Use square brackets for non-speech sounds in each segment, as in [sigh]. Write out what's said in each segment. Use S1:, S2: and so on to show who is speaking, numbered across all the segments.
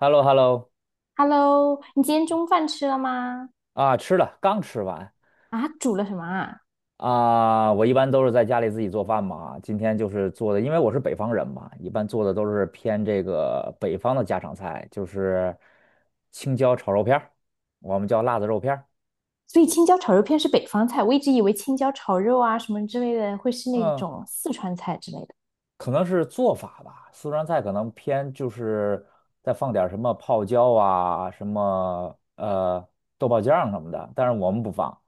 S1: h e l l o h e l l o
S2: OK，Hello，你今天中饭吃了吗？
S1: 啊，吃了，刚吃完
S2: 啊，煮了什么啊？
S1: 啊。我一般都是在家里自己做饭嘛，今天就是做的，因为我是北方人嘛，一般做的都是偏这个北方的家常菜，就是青椒炒肉片儿，我们叫辣子肉片儿。
S2: 所以青椒炒肉片是北方菜，我一直以为青椒炒肉啊什么之类的会是那
S1: 嗯
S2: 种四川菜之类的。
S1: 可能是做法吧，四川菜可能偏就是再放点儿什么泡椒啊，什么豆瓣酱什么的，但是我们不放，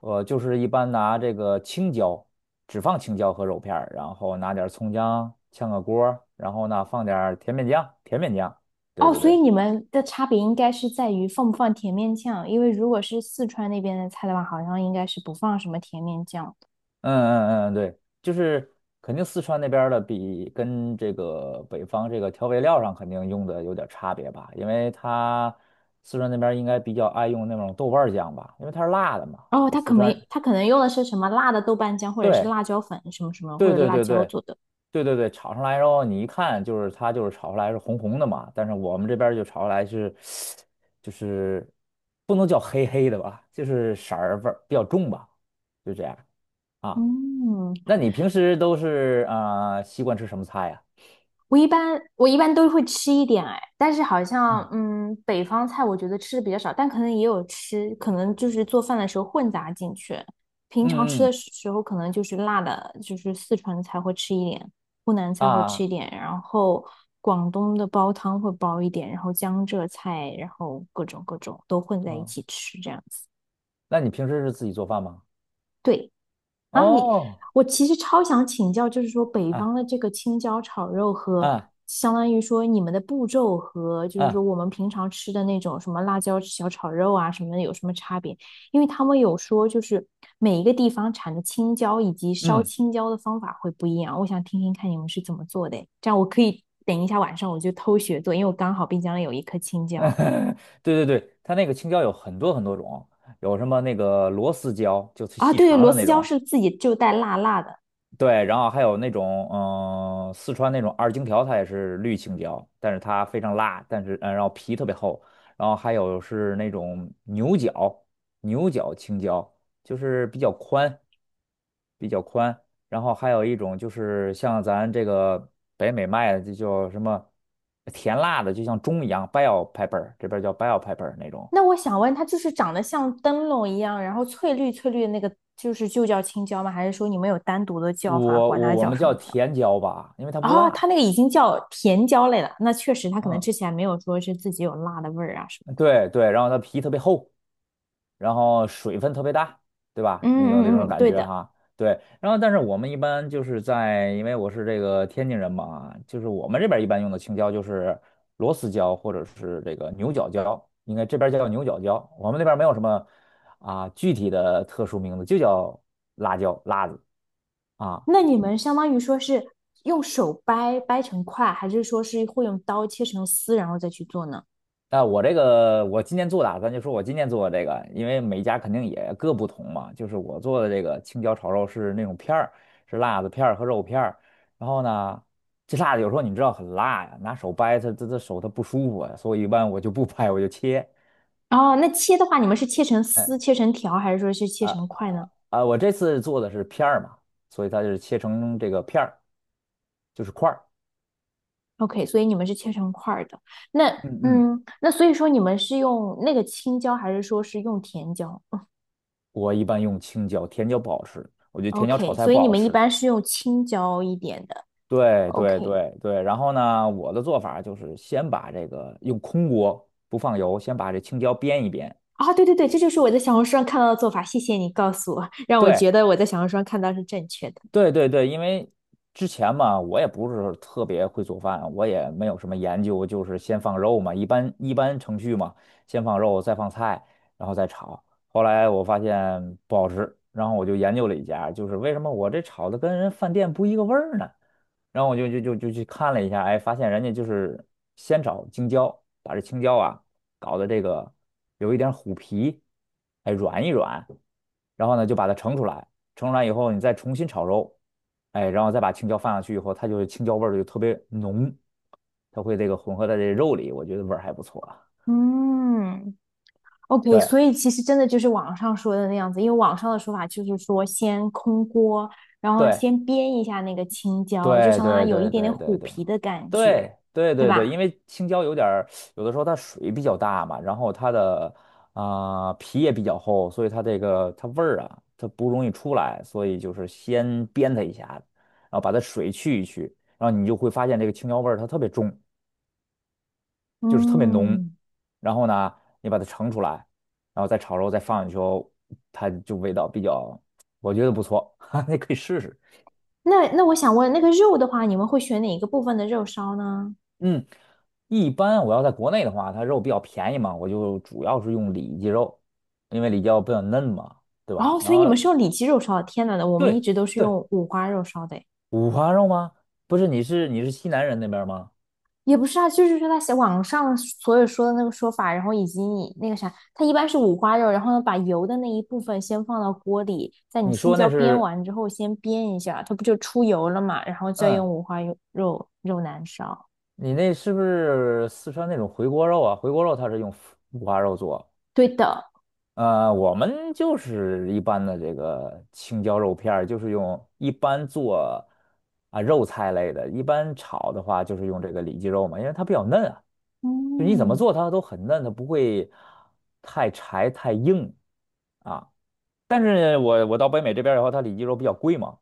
S1: 我就是一般拿这个青椒，只放青椒和肉片儿然后拿点儿葱姜炝个锅儿然后呢放点儿甜面酱，甜面酱，对
S2: 哦，
S1: 对
S2: 所以
S1: 对。
S2: 你们的差别应该是在于放不放甜面酱，因为如果是四川那边的菜的话，好像应该是不放什么甜面酱的。
S1: 嗯嗯嗯，对，就是肯定四川那边儿的比跟这个北方这个调味料上肯定用的有点儿差别吧，因为它四川那边儿应该比较爱用那种豆瓣儿酱吧，因为它是辣的嘛。
S2: 哦，
S1: 它
S2: 他
S1: 四
S2: 可能
S1: 川人
S2: 他可能用的是什么辣的豆瓣酱，或者是
S1: 对
S2: 辣椒粉什么什么，
S1: 对
S2: 或者
S1: 对
S2: 辣
S1: 对
S2: 椒
S1: 对
S2: 做的。
S1: 对对对，炒上来之后你一看就是它就是炒出来是红红的嘛，但是我们这边儿就炒出来是就是不能叫黑黑的吧，就是色儿味儿比较重吧，就这样。啊。
S2: 嗯，
S1: 那你平时都是啊、习惯吃什么菜呀、
S2: 我一般都会吃一点哎，但是好像
S1: 嗯，
S2: 北方菜我觉得吃的比较少，但可能也有吃，可能就是做饭的时候混杂进去。平常吃
S1: 嗯
S2: 的
S1: 嗯
S2: 时候可能就是辣的，就是四川菜会吃一点，湖南菜会吃一
S1: 啊
S2: 点，然后广东的煲汤会煲一点，然后江浙菜，然后各种各种都混在一
S1: 哦，
S2: 起吃这样子。
S1: 那你平时是自己做饭吗？
S2: 对。啊，你，
S1: 哦
S2: 我其实超想请教，就是说北方的
S1: 啊
S2: 这个青椒炒肉和
S1: 啊
S2: 相当于说你们的步骤和就是说
S1: 啊
S2: 我们平常吃的那种什么辣椒小炒肉啊什么的有什么差别？因为他们有说就是每一个地方产的青椒以及烧
S1: 嗯，
S2: 青椒的方法会不一样，我想听听看你们是怎么做的诶这样我可以等一下晚上我就偷学做，因为我刚好冰箱里有一颗青
S1: [laughs]
S2: 椒
S1: 对对对，它那个青椒有很多很多种，有什么那个螺丝椒，就是
S2: 啊，
S1: 细
S2: 对对，
S1: 长
S2: 螺
S1: 的
S2: 丝
S1: 那
S2: 椒
S1: 种，
S2: 是自己就带辣辣的。
S1: 对，然后还有那种，嗯、四川那种二荆条，它也是绿青椒，但是它非常辣，但是，嗯、然后皮特别厚。然后还有是那种牛角，牛角青椒，就是比较宽，比较宽。然后还有一种就是像咱这个北美卖的，就叫什么甜辣的，就像钟一样，bell pepper，这边叫 bell pepper 那种。
S2: 那我想问，它就是长得像灯笼一样，然后翠绿翠绿的那个，就是就叫青椒吗？还是说你们有单独的
S1: 我
S2: 叫法，管
S1: 我
S2: 它
S1: 我
S2: 叫
S1: 们
S2: 什
S1: 叫
S2: 么椒？
S1: 甜椒吧，因为它不
S2: 哦，它
S1: 辣。
S2: 那个已经叫甜椒类了，那确实它可能
S1: 嗯，
S2: 吃起来没有说是自己有辣的味儿啊什么的。
S1: 对对，然后它皮特别厚。然后水分特别大，对吧？你有这
S2: 嗯嗯
S1: 种
S2: 嗯，
S1: 感
S2: 对
S1: 觉
S2: 的。
S1: 哈？对，然后但是我们一般就是在，因为我是这个天津人嘛，就是我们这边一般用的青椒就是螺丝椒或者是这个牛角椒，应该这边叫牛角椒，我们那边没有什么啊具体的特殊名字，就叫辣椒辣子啊。
S2: 那你们相当于说是用手掰掰成块，还是说是会用刀切成丝然后再去做呢？
S1: 那我这个，我今天做的啊咱就说我今天做的这个，因为每家肯定也各不同嘛。就是我做的这个青椒炒肉是那种片儿，是辣子片儿和肉片儿。然后呢，这辣子有时候你知道很辣呀，拿手掰它，它手它不舒服呀，所以一般我就不掰，我就切。
S2: 哦，那切的话，你们是切成丝、
S1: 嗯
S2: 切成条，还是说是切
S1: 啊
S2: 成块呢？
S1: 啊，我这次做的是片儿嘛，所以它就是切成这个片儿，就是块儿。
S2: OK，所以你们是切成块儿的。那
S1: 嗯嗯，
S2: 嗯，那所以说你们是用那个青椒，还是说是用甜椒
S1: 我一般用青椒，甜椒不好吃，我觉得甜椒炒
S2: ？OK，
S1: 菜
S2: 所以
S1: 不
S2: 你
S1: 好
S2: 们一
S1: 吃。
S2: 般是用青椒一点的。
S1: 对对
S2: OK，
S1: 对对，然后呢，我的做法就是先把这个用空锅不放油，先把这青椒煸一煸。
S2: 啊，对对对，这就是我在小红书上看到的做法。谢谢你告诉我，让我觉
S1: 对
S2: 得我在小红书上看到是正确的。
S1: 对对对，因为之前嘛，我也不是特别会做饭，我也没有什么研究，就是先放肉嘛，一般程序嘛，先放肉，再放菜，然后再炒。后来我发现不好吃，然后我就研究了一下，就是为什么我这炒的跟人饭店不一个味儿呢？然后我就去看了一下，哎，发现人家就是先找青椒，把这青椒啊搞的这个有一点虎皮，哎，软一软，然后呢就把它盛出来，盛出来以后你再重新炒肉，哎，然后再把青椒放上去以后，它就是青椒味儿就特别浓，它会这个混合在这肉里，我觉得味儿还不错啊。
S2: 嗯，OK，
S1: 对
S2: 所以其实真的就是网上说的那样子，因为网上的说法就是说先空锅，然后
S1: 对，
S2: 先煸一下那个青椒，就
S1: 对
S2: 相当
S1: 对
S2: 于有一
S1: 对
S2: 点点
S1: 对对对
S2: 虎皮的感觉，
S1: 对对
S2: 对
S1: 对对，
S2: 吧？
S1: 因为青椒有点儿，有的时候它水比较大嘛，然后它的啊、皮也比较厚，所以它这个它味儿啊，它不容易出来，所以就是先煸它一下然后把它水去一去，然后你就会发现这个青椒味儿它特别重，就是特别浓。
S2: 嗯。
S1: 然后呢，你把它盛出来，然后再炒肉再放进去后它就味道比较，我觉得不错，[laughs] 哈，你可以试试。
S2: 那我想问，那个肉的话，你们会选哪一个部分的肉烧呢？
S1: 嗯，一般我要在国内的话，它肉比较便宜嘛，我就主要是用里脊肉，因为里脊肉比较嫩嘛，对吧？
S2: 哦，
S1: 然
S2: 所以你
S1: 后
S2: 们是用里脊肉烧的。天呐，我们一
S1: 对
S2: 直都是
S1: 对，
S2: 用五花肉烧的诶
S1: 五花肉吗？不是，你是西南人那边儿吗？
S2: 也不是啊，就是说他写网上所有说的那个说法，然后以及你那个啥，它一般是五花肉，然后呢把油的那一部分先放到锅里，在你
S1: 你
S2: 青
S1: 说
S2: 椒
S1: 那
S2: 煸
S1: 是，
S2: 完之后先煸一下，它不就出油了嘛，然后再用
S1: 嗯，
S2: 五花肉肉难烧。
S1: 你那是不是四川那种回锅肉啊？回锅肉它是用五花肉做，
S2: 对的，
S1: 我们就是一般的这个青椒肉片儿，就是用一般做啊肉菜类的，一般炒的话就是用这个里脊肉嘛，因为它比较嫩啊，就你怎么
S2: 嗯，
S1: 做它都很嫩，它不会太柴太硬啊。但是我到北美这边儿以后，它里脊肉比较贵嘛，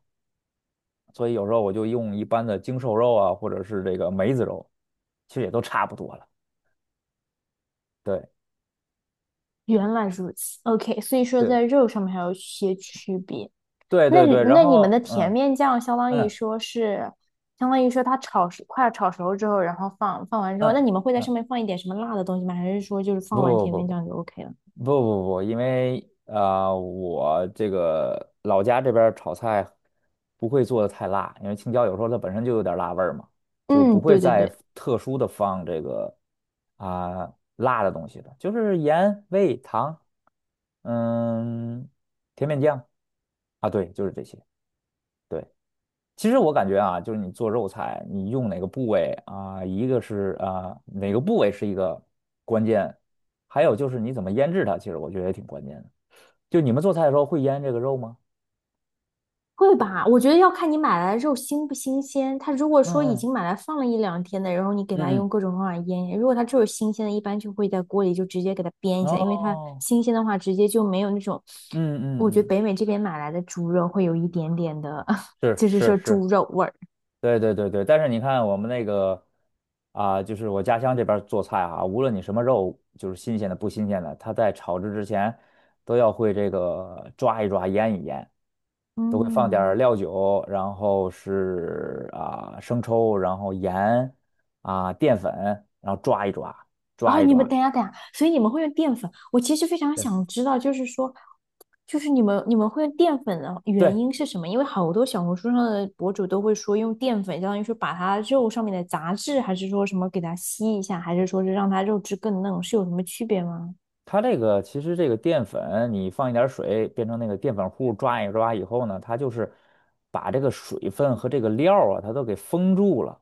S1: 所以有时候我就用一般的精瘦肉啊，或者是这个梅子肉，其实也都差不多了。对
S2: 原来如此。OK，所以说在
S1: 对
S2: 肉上面还有一些区别。
S1: 对
S2: 那
S1: 对对，然
S2: 那你们的
S1: 后
S2: 甜
S1: 嗯
S2: 面酱相当于
S1: 嗯
S2: 说是，相当于说它炒熟，快要炒熟之后，然后放完之后，那
S1: 嗯
S2: 你们会在上
S1: 嗯，
S2: 面放一点什么辣的东西吗？还是说就是
S1: 不
S2: 放完
S1: 不
S2: 甜
S1: 不
S2: 面
S1: 不。
S2: 酱就 OK 了？
S1: 不不不，因为我这个老家这边儿炒菜不会做的太辣，因为青椒有时候它本身就有点儿辣味儿嘛，就
S2: 嗯，
S1: 不会
S2: 对对
S1: 再
S2: 对，
S1: 特殊的放这个啊、辣的东西了，就是盐、味、糖，嗯，甜面酱啊，对，就是这些。对，其实我感觉啊，就是你做肉菜，你用哪个部位啊，一个是啊哪个部位是一个关键，还有就是你怎么腌制它，其实我觉得也挺关键的。就你们做菜的时候会腌这个肉吗？
S2: 会吧？我觉得要看你买来的肉新不新鲜。它如果
S1: 嗯
S2: 说已
S1: 嗯
S2: 经买来放了一两天的，然后你给它
S1: 嗯
S2: 用各种方法腌，如果它就是新鲜的，一般就会在锅里就直接给它煸一
S1: 嗯，
S2: 下，因为它
S1: 哦，
S2: 新鲜的话直接就没有那种，
S1: 嗯嗯
S2: 我觉得
S1: 嗯，
S2: 北美这边买来的猪肉会有一点点的，[laughs]
S1: 是
S2: 就是
S1: 是
S2: 说猪
S1: 是，
S2: 肉味儿。
S1: 对对对对。但是你看我们那个啊、就是我家乡这边儿做菜啊，无论你什么肉，就是新鲜的不新鲜的，它在炒制之前都要会这个抓一抓、腌一腌，都会放点儿
S2: 嗯，
S1: 料酒，然后是啊、生抽，然后盐啊、淀粉，然后抓一抓，抓
S2: 哦，
S1: 一
S2: 你们
S1: 抓。
S2: 等一下等一下，所以你们会用淀粉？我其实非常想
S1: 对
S2: 知道，就是说，就是你们会用淀粉的原
S1: 对。
S2: 因是什么？因为好多小红书上的博主都会说用淀粉，相当于说把它肉上面的杂质，还是说什么给它吸一下，还是说是让它肉质更嫩，是有什么区别吗？
S1: 它这个其实这个淀粉，你放一点儿水变成那个淀粉糊，抓一抓以后呢，它就是把这个水分和这个料儿啊，它都给封住了。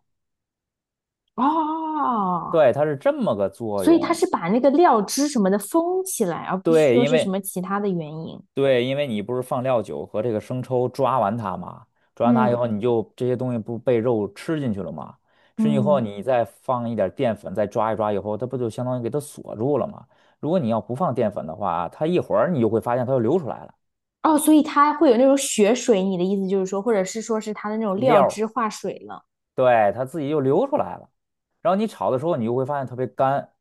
S2: 哦，
S1: 对，它是这么个作
S2: 所以它
S1: 用。
S2: 是把那个料汁什么的封起来，而不是
S1: 对，
S2: 说
S1: 因
S2: 是什
S1: 为
S2: 么其他的原因。
S1: 对，因为你不是放料酒和这个生抽抓完它嘛，抓完它以
S2: 嗯
S1: 后，你就这些东西不被肉吃进去了嘛？吃进去以后，
S2: 嗯，
S1: 你再放一点儿淀粉，再抓一抓以后，它不就相当于给它锁住了吗？如果你要不放淀粉的话，它一会儿你就会发现它又流出来了
S2: 哦，所以它会有那种血水，你的意思就是说，或者是说是它的那种料
S1: 料儿。
S2: 汁化水了。
S1: 对，它自己就流出来了。然后你炒的时候，你就会发现特别干，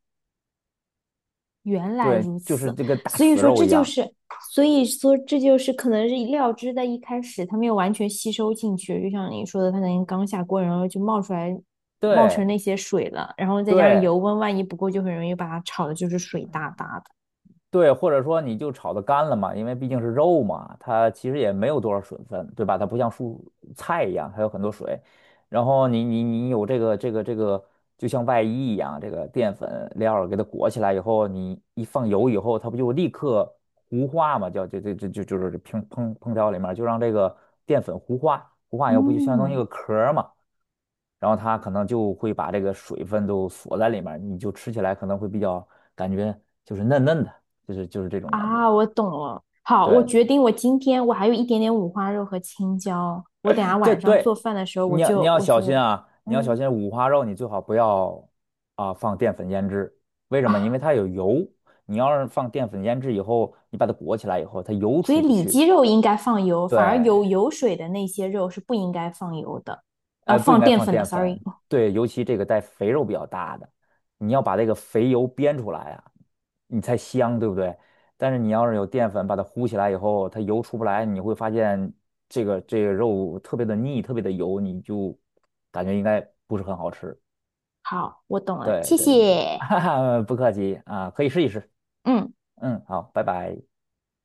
S2: 原来
S1: 对，
S2: 如
S1: 就是
S2: 此，
S1: 这个大
S2: 所以
S1: 死
S2: 说
S1: 肉
S2: 这
S1: 一
S2: 就
S1: 样。
S2: 是，所以说这就是可能是料汁在一开始它没有完全吸收进去，就像你说的，它可能刚下锅，然后就冒出来，冒成那
S1: 对
S2: 些水了，然后再加上
S1: 对，
S2: 油温，万一不够，就很容易把它炒的就是水哒哒的。
S1: 对，或者说你就炒的干了嘛，因为毕竟是肉嘛，它其实也没有多少水分，对吧？它不像蔬菜一样，它有很多水。然后你有这个，就像外衣一样，这个淀粉料儿给它裹起来以后，你一放油以后，它不就立刻糊化嘛？叫就是这烹调里面儿就让这个淀粉糊化，糊化以后不就相当于一
S2: 嗯，
S1: 个壳儿嘛？然后它可能就会把这个水分都锁在里面儿你就吃起来可能会比较感觉就是嫩嫩的，就是就是这种感觉。
S2: 啊，我懂了。好，
S1: 对
S2: 我
S1: 对
S2: 决定，我今天我还有一点点五花肉和青椒，我等下
S1: 这
S2: 晚上做
S1: 对，
S2: 饭的时候我
S1: 你要你
S2: 就
S1: 要
S2: 我
S1: 小心
S2: 就
S1: 啊，你要小
S2: 嗯
S1: 心五花肉，你最好不要啊放淀粉腌制，为什么？
S2: 啊，
S1: 因为它有油，你要是放淀粉腌制以后，你把它裹起来以后，它油
S2: 所以
S1: 出不
S2: 里
S1: 去。
S2: 脊肉应该放油，反而
S1: 对
S2: 有油水的那些肉是不应该放油的，啊，
S1: 呃，不应
S2: 放
S1: 该
S2: 淀
S1: 放
S2: 粉的
S1: 淀
S2: ，sorry。
S1: 粉，对，尤其这个带肥肉比较大的，你要把这个肥油煸出来啊，你才香，对不对？但是你要是有淀粉把它糊起来以后，它油出不来，你会发现这个肉特别的腻，特别的油，你就感觉应该不是很好吃。
S2: 好，我懂了，
S1: 对
S2: 谢
S1: 对对对，[laughs]
S2: 谢。
S1: 哈哈，不客气啊，可以试一试。
S2: 嗯。
S1: 嗯，好，拜拜。